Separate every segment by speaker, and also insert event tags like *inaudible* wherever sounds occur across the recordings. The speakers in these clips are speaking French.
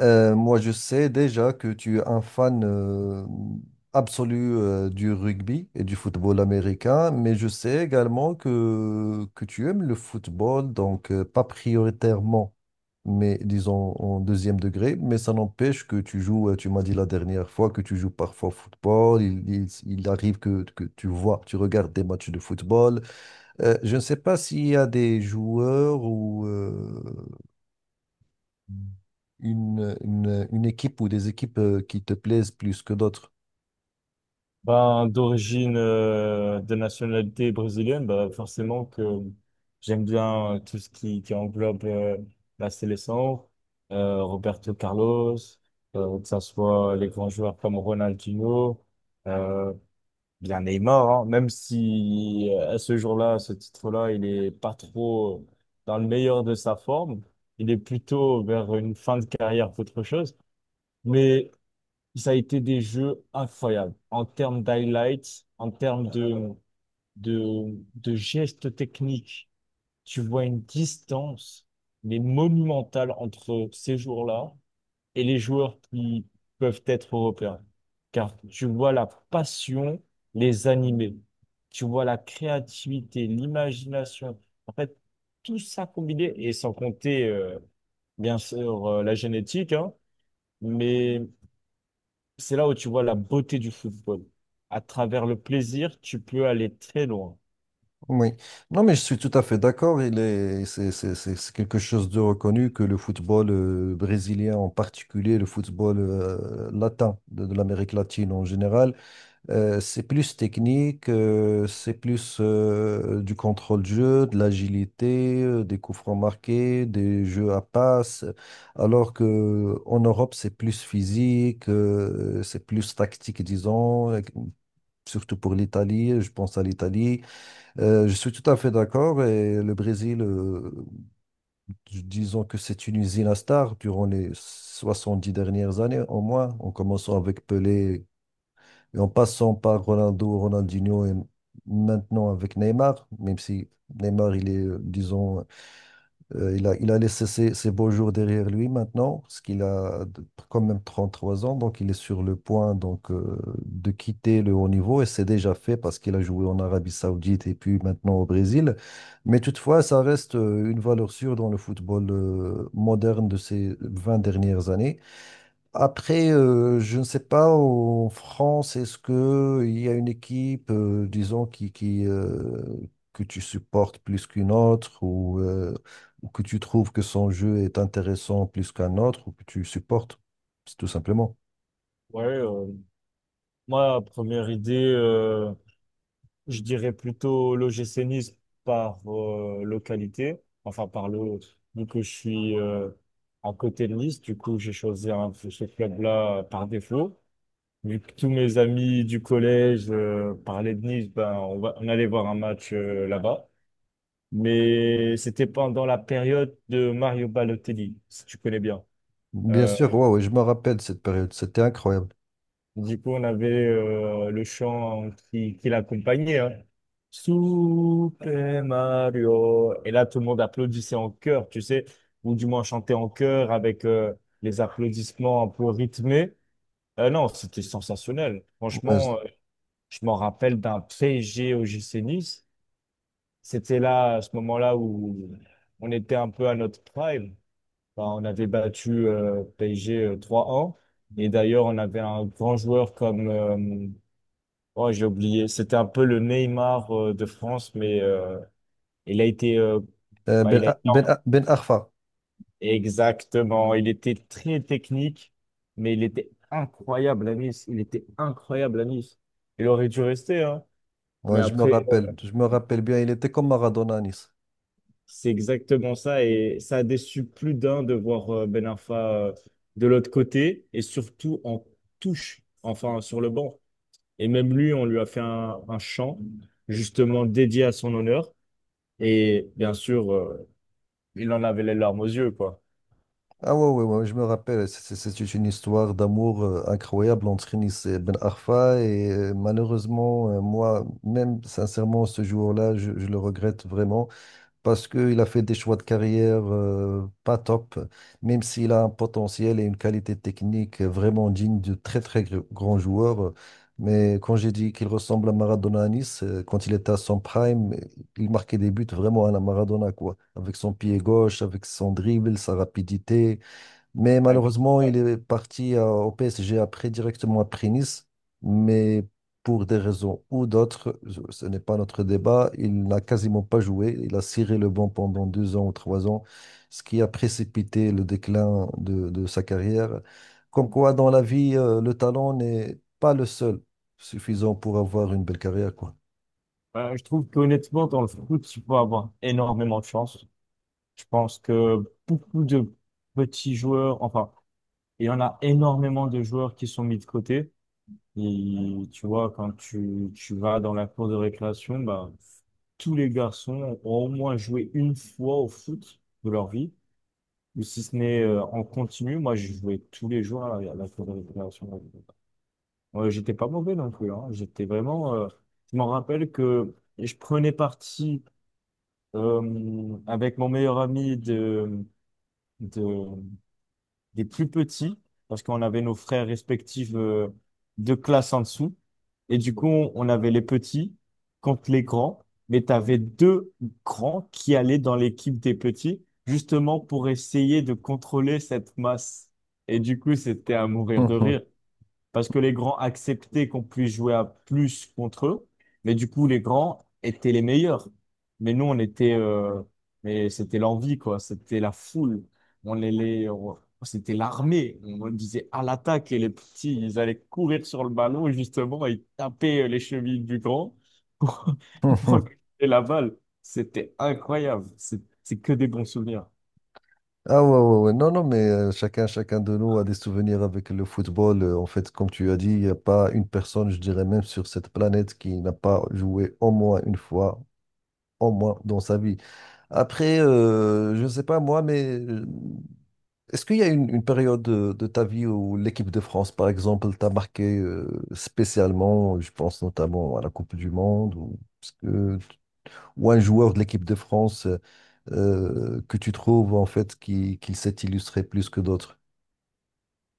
Speaker 1: Moi, je sais déjà que tu es un fan absolu du rugby et du football américain, mais je sais également que tu aimes le football, donc pas prioritairement, mais disons en deuxième degré, mais ça n'empêche que tu joues, tu m'as dit la dernière fois que tu joues parfois au football, il arrive que tu vois, tu regardes des matchs de football. Je ne sais pas s'il y a des joueurs ou une équipe ou des équipes qui te plaisent plus que d'autres.
Speaker 2: Ben, d'origine, de nationalité brésilienne, ben, forcément que j'aime bien tout ce qui englobe la sélection, Roberto Carlos, que ce soit les grands joueurs comme Ronaldinho, euh, bien Neymar, hein, même si à ce jour-là, à ce titre-là, il est pas trop dans le meilleur de sa forme, il est plutôt vers une fin de carrière qu'autre chose. Mais ça a été des jeux incroyables en termes d'highlights, en termes de gestes techniques. Tu vois une distance, mais monumentale entre ces jours-là et les joueurs qui peuvent être européens. Car tu vois la passion les animer. Tu vois la créativité, l'imagination. En fait, tout ça combiné, et sans compter, bien sûr, la génétique, hein, mais c'est là où tu vois la beauté du football. À travers le plaisir, tu peux aller très loin.
Speaker 1: Oui. Non, mais je suis tout à fait d'accord. Il est, c'est- C'est quelque chose de reconnu que le football brésilien en particulier, le football latin de l'Amérique latine en général. C'est plus technique, c'est plus du contrôle de jeu, de l'agilité, des coups francs marqués, des jeux à passe. Alors que en Europe, c'est plus physique, c'est plus tactique, disons, surtout pour l'Italie. Je pense à l'Italie. Je suis tout à fait d'accord. Et le Brésil, disons que c'est une usine à stars durant les 70 dernières années, au moins, en commençant avec Pelé, et en passant par Ronaldo, Ronaldinho et maintenant avec Neymar, même si Neymar, il est, disons, il a laissé ses beaux jours derrière lui maintenant, parce qu'il quand même 33 ans, donc il est sur le point donc, de quitter le haut niveau, et c'est déjà fait parce qu'il a joué en Arabie Saoudite et puis maintenant au Brésil. Mais toutefois, ça reste une valeur sûre dans le football moderne de ces 20 dernières années. Après, je ne sais pas, en France, est-ce que il y a une équipe, disons, que tu supportes plus qu'une autre, ou ou que tu trouves que son jeu est intéressant plus qu'un autre, ou que tu supportes, c'est tout simplement.
Speaker 2: Ouais, moi, première idée, je dirais plutôt l'OGC Nice par localité. Enfin, par le, vu que je suis à côté de Nice, du coup, j'ai choisi ce club-là par défaut. Vu que tous mes amis du collège parlaient de Nice, ben, on allait voir un match là-bas. Mais c'était pendant la période de Mario Balotelli, si tu connais bien.
Speaker 1: Bien
Speaker 2: Euh,
Speaker 1: sûr, ouais, ouais, je me rappelle cette période, c'était incroyable.
Speaker 2: du coup, on avait le chant qui l'accompagnait, hein. Super Mario. Et là, tout le monde applaudissait en chœur, tu sais, ou du moins chantait en chœur avec les applaudissements un peu rythmés. Non, c'était sensationnel.
Speaker 1: Ouais, c-
Speaker 2: Franchement, je m'en rappelle d'un PSG au GC Nice. C'était là, à ce moment-là, où on était un peu à notre prime. Bah, on avait battu PSG 3 un. Et d'ailleurs, on avait un grand joueur comme… oh, j'ai oublié. C'était un peu le Neymar de France, mais il a été... bah, il a... été-
Speaker 1: Ben Arfa,
Speaker 2: exactement. Il était très technique, mais il était incroyable à Nice. Il était incroyable à Nice. Il aurait dû rester, hein. Mais
Speaker 1: ouais,
Speaker 2: après,
Speaker 1: je me rappelle bien, il était comme Maradona à Nice.
Speaker 2: c'est exactement ça. Et ça a déçu plus d'un de voir Ben Arfa euh, de l'autre côté et surtout en touche, enfin sur le banc. Et même lui, on lui a fait un chant justement dédié à son honneur. Et bien sûr, il en avait les larmes aux yeux, quoi.
Speaker 1: Ah ouais, ouais, ouais, je me rappelle, c'est une histoire d'amour incroyable entre Nice et Ben Arfa et malheureusement, moi, même sincèrement, ce jour-là, je le regrette vraiment parce qu'il a fait des choix de carrière pas top, même s'il a un potentiel et une qualité technique vraiment digne de très très grands joueurs. Mais quand j'ai dit qu'il ressemble à Maradona à Nice, quand il était à son prime, il marquait des buts vraiment à la Maradona, quoi. Avec son pied gauche, avec son dribble, sa rapidité. Mais
Speaker 2: Donc,
Speaker 1: malheureusement,
Speaker 2: euh,
Speaker 1: il est parti au PSG après, directement après Nice. Mais pour des raisons ou d'autres, ce n'est pas notre débat, il n'a quasiment pas joué. Il a ciré le banc pendant 2 ans ou 3 ans, ce qui a précipité le déclin de sa carrière. Comme quoi, dans la vie, le talent n'est pas le seul suffisant pour avoir une belle carrière, quoi.
Speaker 2: je trouve qu'honnêtement, dans le foot, tu peux avoir énormément de chance. Je pense que beaucoup de petits joueurs, enfin, il y en a énormément de joueurs qui sont mis de côté. Et tu vois, quand tu vas dans la cour de récréation, bah, tous les garçons ont au moins joué une fois au foot de leur vie. Ou si ce n'est en continu, moi je jouais tous les jours à la cour de récréation. Ouais, j'étais pas mauvais non plus, hein. J'étais vraiment, je m'en rappelle que je prenais parti avec mon meilleur ami de, des plus petits, parce qu'on avait nos frères respectifs de classe en dessous. Et du coup, on avait les petits contre les grands, mais tu avais deux grands qui allaient dans l'équipe des petits, justement pour essayer de contrôler cette masse. Et du coup, c'était à mourir de rire
Speaker 1: *laughs*
Speaker 2: parce que les grands acceptaient qu'on puisse jouer à plus contre eux, mais du coup, les grands étaient les meilleurs. Mais nous, on était, mais c'était l'envie, quoi. C'était la foule. On les- on- c'était l'armée. On disait à l'attaque et les petits, ils allaient courir sur le ballon, justement, et taper les chevilles du grand pour, *laughs* pour récupérer la balle. C'était incroyable. C'est que des bons souvenirs.
Speaker 1: Ah ouais, ouais, ouais. Non, non, mais chacun de nous a des souvenirs avec le football. En fait, comme tu as dit, il n'y a pas une personne, je dirais même sur cette planète, qui n'a pas joué au moins une fois, au moins dans sa vie. Après, je ne sais pas moi, mais est-ce qu'il y a une période de ta vie où l'équipe de France, par exemple, t'a marqué spécialement? Je pense notamment à la Coupe du Monde. Ou... Parce que ou un joueur de l'équipe de France que tu trouves en fait qui s'est illustré plus que d'autres?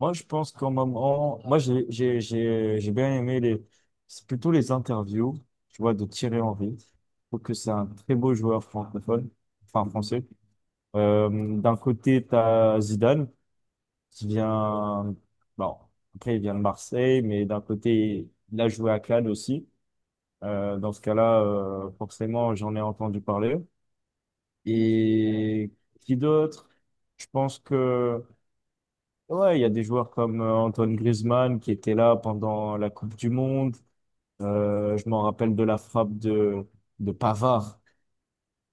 Speaker 2: Moi, je pense qu'au moment, moi, j'ai bien aimé les, c'est plutôt les interviews, tu vois, de Thierry Henry. Je trouve que c'est un très beau joueur francophone, enfin français. Euh, d'un côté, tu as Zidane, qui vient, bon, après, il vient de Marseille, mais d'un côté, il a joué à Cannes aussi. Dans ce cas-là, forcément, j'en ai entendu parler. Et qui d'autre? Je pense que… ouais, il y a des joueurs comme Antoine Griezmann qui était là pendant la Coupe du Monde. Je m'en rappelle de la frappe de Pavard.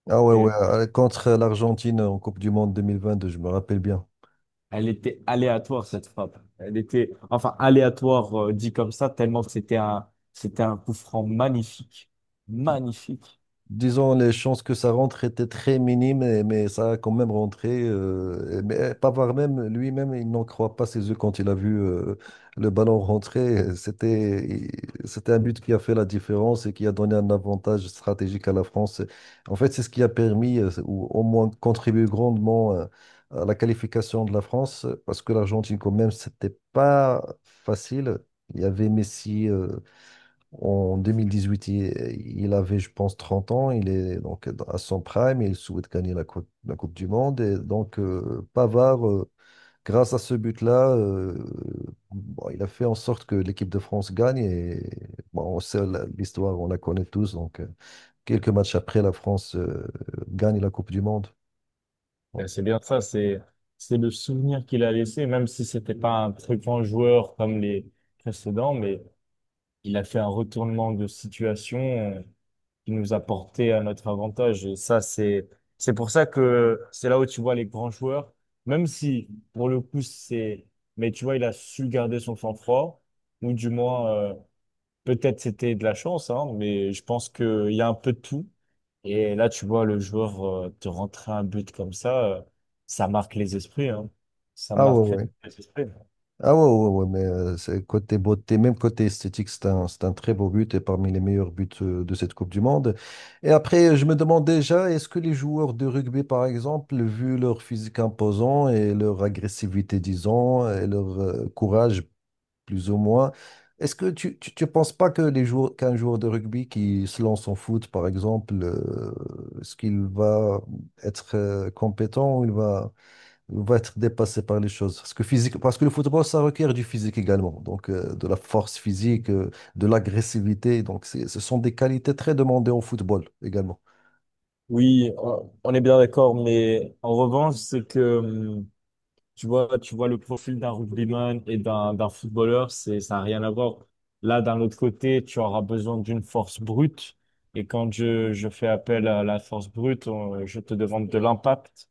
Speaker 1: Ah ouais, ouais,
Speaker 2: Et
Speaker 1: contre l'Argentine en Coupe du Monde 2022, je me rappelle bien.
Speaker 2: elle était aléatoire, cette frappe. Elle était, enfin, aléatoire, dit comme ça, tellement que c'était un coup franc magnifique. Magnifique.
Speaker 1: Disons, les chances que ça rentre étaient très minimes, mais ça a quand même rentré. Mais Pavard même, lui-même, il n'en croit pas ses yeux quand il a vu le ballon rentrer. C'était un but qui a fait la différence et qui a donné un avantage stratégique à la France. En fait, c'est ce qui a permis, ou au moins contribué grandement à la qualification de la France, parce que l'Argentine, quand même, c'était pas facile. Il y avait Messi. En 2018, il avait, je pense, 30 ans. Il est donc à son prime et il souhaite gagner la Coupe du Monde. Et donc, Pavard, grâce à ce but-là, bon, il a fait en sorte que l'équipe de France gagne. Et bon, on sait l'histoire, on la connaît tous. Donc, quelques matchs après, la France gagne la Coupe du Monde. Bon.
Speaker 2: C'est bien ça, c'est le souvenir qu'il a laissé, même si c'était pas un très grand joueur comme les précédents, mais il a fait un retournement de situation qui nous a porté à notre avantage. Et ça, c'est pour ça que c'est là où tu vois les grands joueurs, même si pour le coup, c'est, mais tu vois, il a su garder son sang-froid, ou du moins, peut-être c'était de la chance, hein, mais je pense qu'il y a un peu de tout. Et là, tu vois, le joueur te rentrer un but comme ça, ça marque les esprits, hein. Ça
Speaker 1: Ah ouais,
Speaker 2: marque
Speaker 1: ouais.
Speaker 2: les esprits.
Speaker 1: Ah ouais, ouais, ouais, mais c'est côté beauté, même côté esthétique, c'est un très beau but et parmi les meilleurs buts de cette Coupe du Monde. Et après, je me demande déjà, est-ce que les joueurs de rugby, par exemple, vu leur physique imposant et leur agressivité, disons, et leur courage, plus ou moins, est-ce que tu ne penses pas que les joueurs, qu'un joueur de rugby qui se lance en foot, par exemple, est-ce qu'il va être compétent ou il va on va être dépassé par les choses. Parce que physique, parce que le football, ça requiert du physique également. Donc, de la force physique, de l'agressivité. Ce sont des qualités très demandées au football également.
Speaker 2: Oui, on est bien d'accord, mais en revanche, c'est que… tu vois le profil d'un rugbyman et d'un footballeur, c'est, ça n'a rien à voir. Là, d'un autre côté, tu auras besoin d'une force brute. Et quand je fais appel à la force brute, on- je te demande de l'impact.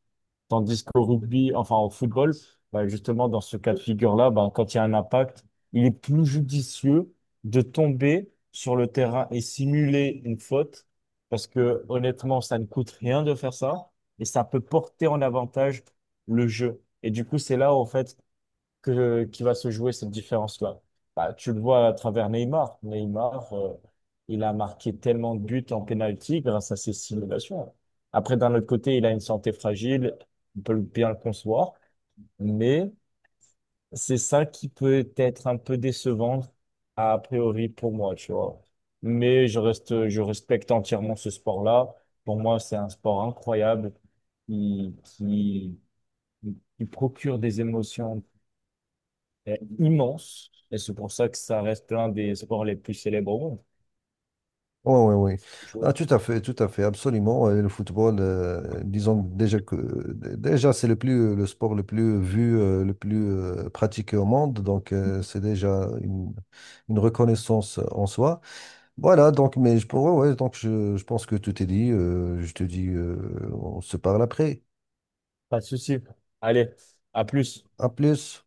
Speaker 2: Tandis qu'au rugby, enfin au football, bah, justement, dans ce cas de figure-là, bah, quand il y a un impact, il est plus judicieux de tomber sur le terrain et simuler une faute, parce que honnêtement, ça ne coûte rien de faire ça, et ça peut porter en avantage le jeu. Et du coup, c'est là, en fait, que, qui va se jouer cette différence-là. Bah, tu le vois à travers Neymar. Neymar, il a marqué tellement de buts en pénalty grâce à ses simulations. Après, d'un autre côté, il a une santé fragile, on peut bien le concevoir, mais c'est ça qui peut être un peu décevant a priori pour moi, tu vois. Mais je reste, je respecte entièrement ce sport-là. Pour moi, c'est un sport incroyable qui, qui, qui procure des émotions est immense et c'est pour ça que ça reste l'un des sports les plus célèbres au monde.
Speaker 1: Oui, oui, oui. Ah,
Speaker 2: Je-
Speaker 1: tout à fait, absolument. Et le football, disons déjà que déjà c'est le plus le sport le plus vu, le plus pratiqué au monde. Donc c'est déjà une reconnaissance en soi. Voilà, donc, mais je pourrais, ouais, donc je pense que tout est dit. Je te dis, on se parle après.
Speaker 2: pas de souci. Allez, à plus.
Speaker 1: À plus.